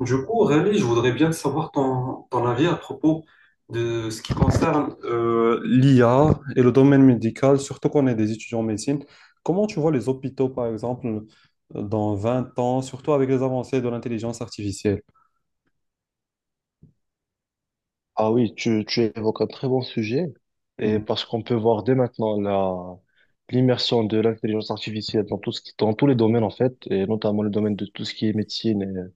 Du coup, Aurélie, je voudrais bien savoir ton avis à propos de ce qui concerne l'IA et le domaine médical, surtout qu'on est des étudiants en médecine. Comment tu vois les hôpitaux, par exemple, dans 20 ans, surtout avec les avancées de l'intelligence artificielle? Ah oui, tu évoques un très bon sujet, et Mhm. parce qu'on peut voir dès maintenant l'immersion de l'intelligence artificielle dans tout ce qui, dans tous les domaines en fait, et notamment le domaine de tout ce qui est médecine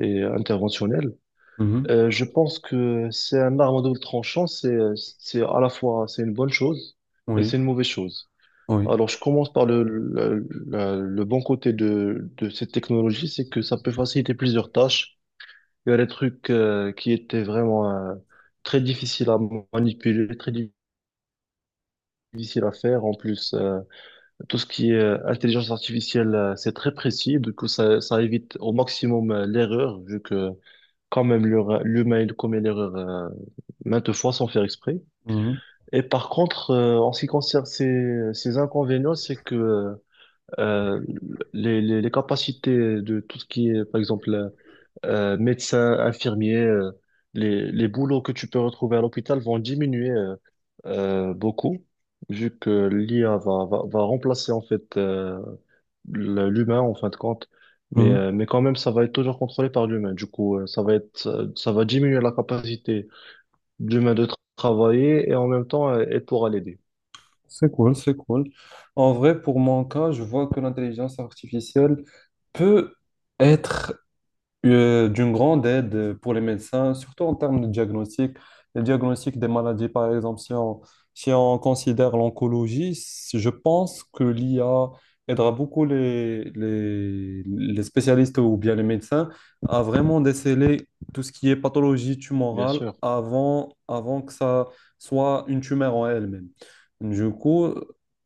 et interventionnel. Mhm. Je pense que c'est un arme à double tranchant, c'est à la fois, c'est une bonne chose et c'est Oui, une mauvaise chose. oui. Alors, je commence par le bon côté de cette technologie, c'est que ça peut faciliter plusieurs tâches. Il y a des trucs qui étaient vraiment très difficiles à manipuler, très difficiles à faire. En plus, tout ce qui est intelligence artificielle, c'est très précis. Du coup, ça évite au maximum l'erreur, vu que quand même l'humain il commet l'erreur maintes fois sans faire exprès. Mhm. Et par contre, en ce qui concerne ces inconvénients, c'est que euh, les capacités de tout ce qui est, par exemple, médecin, infirmier, les boulots que tu peux retrouver à l'hôpital vont diminuer beaucoup, vu que l'IA va remplacer en fait l'humain en fin de compte. Mhm. Mais quand même, ça va être toujours contrôlé par l'humain. Du coup, ça va être, ça va diminuer la capacité de l'humain de travailler et en même temps, elle pourra l'aider, C'est cool, c'est cool. En vrai, pour mon cas, je vois que l'intelligence artificielle peut être d'une grande aide pour les médecins, surtout en termes de diagnostic. Le diagnostic des maladies, par exemple, si on considère l'oncologie, je pense que l'IA aidera beaucoup les spécialistes ou bien les médecins à vraiment déceler tout ce qui est pathologie bien tumorale sûr. Avant que ça soit une tumeur en elle-même. Du coup,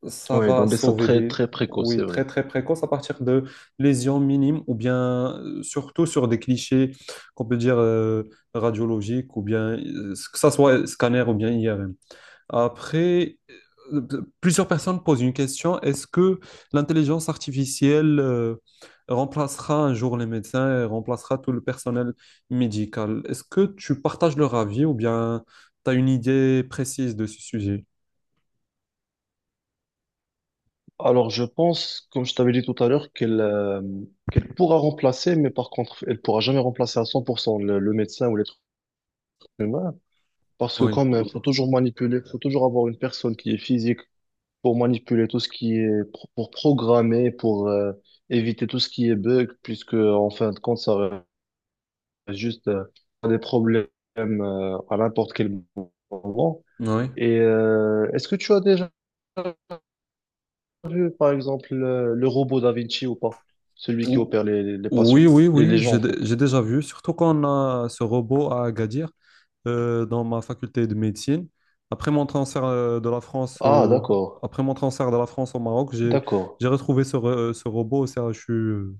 ça Oui, dans va des stades sauver des... très précoces, c'est Oui, vrai. très très précoce à partir lésions minimes ou bien surtout sur des clichés qu'on peut dire radiologiques ou bien que ça soit scanner ou bien IRM. Après, euh, plusieurs personnes posent une question, est-ce que l'intelligence artificielle remplacera un jour les médecins et remplacera tout le personnel médical? Est-ce que tu partages leur avis ou bien tu as une idée précise de ce sujet? Alors, je pense, comme je t'avais dit tout à l'heure, qu'elle pourra remplacer, mais par contre, elle pourra jamais remplacer à 100% le médecin ou l'être humain, parce que Oui, comme il faut toujours manipuler, faut toujours avoir une personne qui est physique pour manipuler tout ce qui est, pour programmer, pour éviter tout ce qui est bug, puisque en fin de compte, ça reste juste des problèmes à n'importe quel moment. oui. Et est-ce que tu as déjà vu, par exemple, le robot Da Vinci ou pas? Celui qui Ou- opère les patients, Oui, oui, les oui, gens, en fait. j'ai déjà vu, surtout quand on a ce robot à Agadir dans ma faculté de médecine. Après mon transfert de la France Ah, au, d'accord, après mon transfert de la France au Maroc, d'accord, j'ai retrouvé ce robot au CHU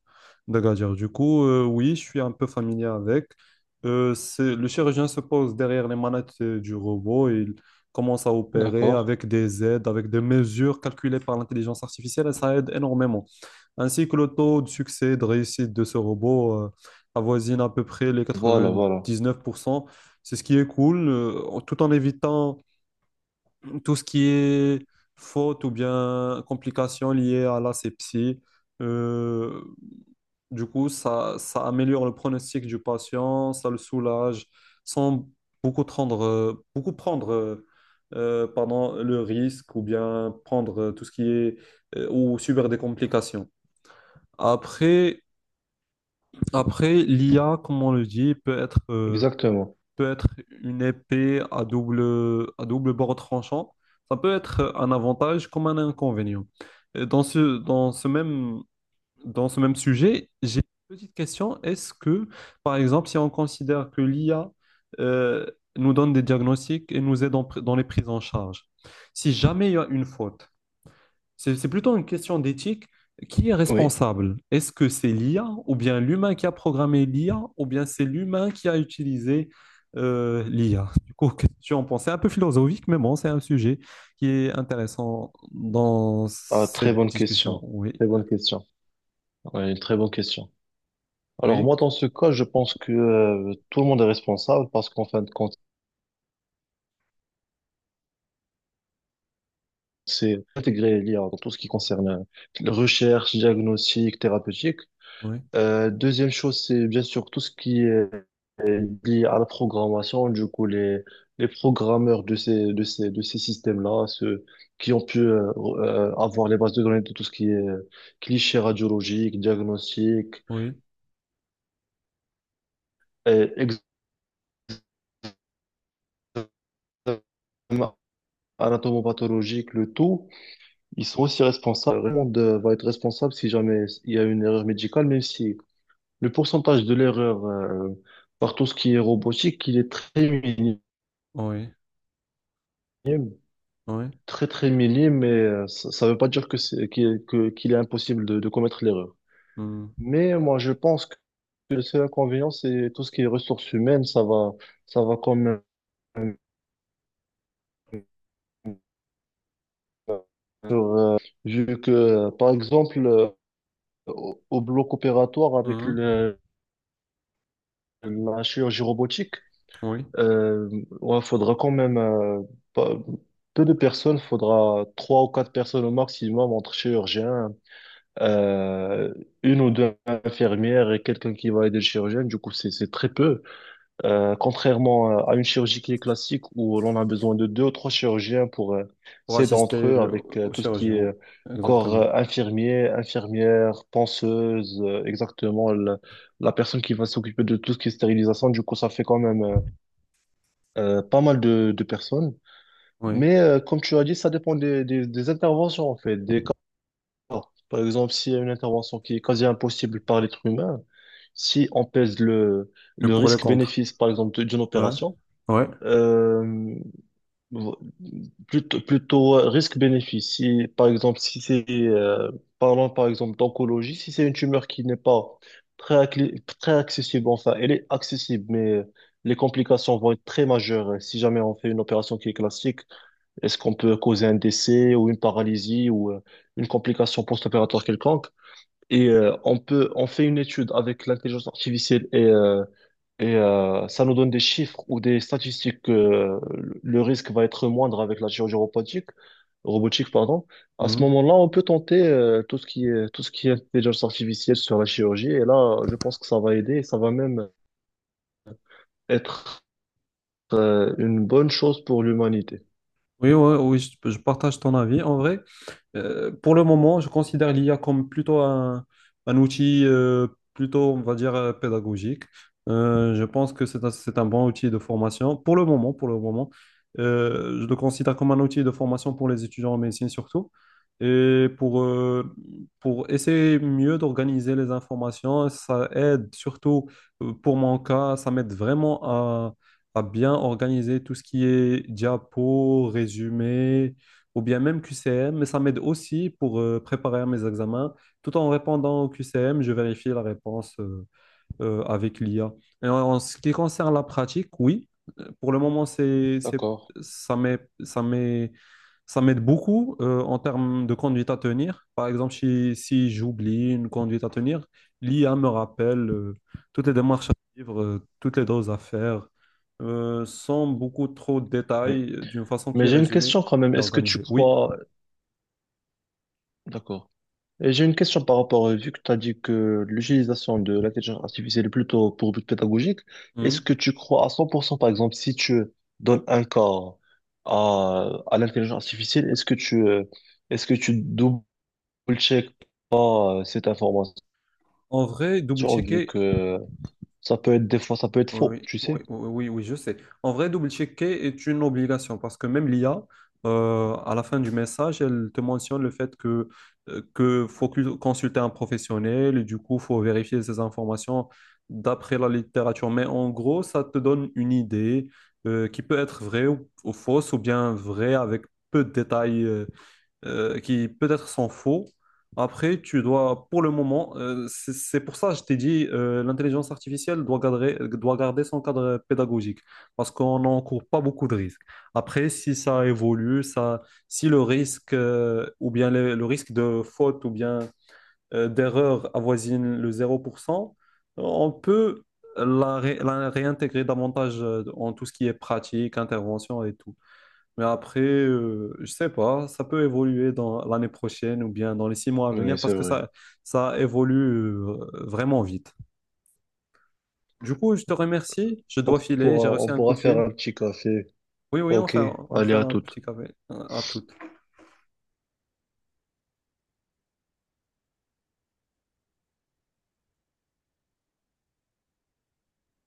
d'Agadir. Du coup, oui, je suis un peu familier avec. Le chirurgien se pose derrière les manettes du robot et il commence à opérer d'accord. avec des aides, avec des mesures calculées par l'intelligence artificielle et ça aide énormément. Ainsi que le taux de succès, de réussite de ce robot avoisine à peu près les Voilà, voilà. 99%. C'est ce qui est cool, tout en évitant tout ce qui est faute ou bien complications liées à l'asepsie. Euh, du coup, ça améliore le pronostic du patient, ça le soulage, sans beaucoup prendre pardon, le risque ou bien prendre tout ce qui est ou subir des complications. Après, Après, l'IA, comme on le dit, Exactement. peut être une épée à double bord tranchant. Ça peut être un avantage comme un inconvénient. Et dans ce même sujet, j'ai une petite question. Par exemple, si on considère que l'IA, euh, nous donne des diagnostics et nous aide dans les prises en charge, si jamais il y a une faute, c'est plutôt une question d'éthique. Qui est Oui. responsable? Est-ce que c'est l'IA ou bien l'humain qui a programmé l'IA ou bien c'est l'humain qui a utilisé l'IA? Du coup, question pensée un peu philosophique, mais bon, c'est un sujet qui est intéressant dans Ah, très cette bonne discussion. question. Oui, Très bonne question. Ouais, une très bonne question. Alors, oui, moi, dans ce cas, je pense que tout le monde est responsable parce qu'en fin de compte, c'est intégré l'IA dans tout ce qui concerne la recherche, diagnostic, thérapeutique. oui, Deuxième chose, c'est bien sûr tout ce qui est lié à la programmation. Du coup, les programmeurs de de ces systèmes-là, ceux qui ont pu avoir les bases de données de tout ce qui est clichés radiologiques, diagnostics, oui, et examen anatomopathologique, le tout, ils sont aussi responsables. Tout le monde va être responsable si jamais il y a une erreur médicale, même si le pourcentage de l'erreur par tout ce qui est robotique, il est très minime. oui, oui. Très très minime, mais ça veut pas dire que qu'il est impossible de commettre l'erreur. Hmm. Mais moi, je pense que le seul inconvénient, c'est tout ce qui est ressources humaines, ça va quand même. euh, Vu que, par exemple, au bloc opératoire avec Mhm, la chirurgie robotique, oui, euh, ouais, faudra quand même pas- peu de personnes, faudra trois ou quatre personnes au maximum entre chirurgiens. Euh, une ou deux infirmières et quelqu'un qui va aider le chirurgien. Du coup, c'est très peu. Contrairement à une chirurgie qui est classique où l'on a besoin de deux ou trois chirurgiens pour pour s'aider entre assister eux le- avec au tout ce qui est chirurgien, corps exactement. Infirmier, infirmière, penseuse, exactement la personne qui va s'occuper de tout ce qui est stérilisation. Du coup, ça fait quand même pas mal de personnes. Oui, Mais comme tu as dit, ça dépend des interventions en fait, des, par exemple, s'il y a une intervention qui est quasi impossible par l'être humain, si on pèse le le pour et le contre. risque-bénéfice, par exemple, d'une Ouais, opération, ouais. euh, vo- plutôt risque-bénéfice, si c'est, parlons par exemple d'oncologie, si c'est une tumeur qui n'est pas très accessible, enfin, elle est accessible, mais les complications vont être très majeures. Euh, si jamais on fait une opération qui est classique, est-ce qu'on peut causer un décès ou une paralysie ou une complication post-opératoire quelconque? Et on fait une étude avec l'intelligence artificielle ça nous donne des chiffres ou des statistiques que le risque va être moindre avec la chirurgie robotique, robotique, pardon. À ce Mmh. moment-là, on peut tenter tout ce qui est intelligence artificielle sur la chirurgie. Et là, je pense que ça va aider et ça va même être une bonne chose pour l'humanité. Oui, ouais, oui, je partage ton avis. En vrai, pour le moment, je considère l'IA comme un outil, plutôt, on va dire, pédagogique. Je pense que c'est un bon outil de formation. Pour le moment, je le considère comme un outil de formation pour les étudiants en médecine surtout. Et pour essayer mieux d'organiser les informations, ça aide surtout pour mon cas, ça m'aide vraiment à bien organiser tout ce qui est diapo, résumé ou bien même QCM, mais ça m'aide aussi pour préparer mes examens. Tout en répondant au QCM, je vérifie la réponse. Avec l'IA. Et en ce qui concerne la pratique, oui, pour le moment, D'accord. ça m'aide, ça m'aide beaucoup en termes de conduite à tenir. Par exemple, si j'oublie une conduite à tenir, l'IA me rappelle toutes les démarches à suivre, toutes les doses à faire, sans beaucoup trop de Oui. détails, d'une façon qui Mais est j'ai une résumée question quand même. et Est-ce que tu organisée. Oui. crois... D'accord. Et j'ai une question par rapport, vu que tu as dit que l'utilisation de l'intelligence artificielle est plutôt pour but pédagogique, est-ce Mhm. que tu crois à 100%, par exemple, si tu donnes un corps à l'intelligence artificielle, est-ce que tu double-check pas cette information, En vrai, vu double-checker. que ça peut être des fois, ça peut être faux, Oui, tu oui, sais? oui, oui, oui, je sais. En vrai, double-checker est une obligation parce que même l'IA, à la fin du message, elle te mentionne le fait que consulter un professionnel et du coup, faut vérifier ces informations d'après la littérature. Mais en gros, ça te donne une idée, qui peut être vraie ou fausse ou bien vraie avec peu de détails, qui peut-être sont faux. Après, tu dois, pour le moment, c'est pour ça que je t'ai dit, l'intelligence artificielle doit garder son cadre pédagogique, parce qu'on n'encourt pas beaucoup de risques. Après, si ça évolue, ça, si le risque, ou bien le risque de faute ou bien d'erreur avoisine le 0%, on peut la réintégrer davantage en tout ce qui est pratique, intervention et tout. Mais après, je sais pas, ça peut évoluer dans l'année prochaine ou bien dans les 6 mois à Oui, venir c'est parce que vrai. ça évolue euh, vraiment vite. Du coup, je te remercie. Je dois filer. J'ai reçu On un coup pourra de faire fil. un petit café. Oui, oui, Ok, on allez fait à un tout. petit café. À toutes.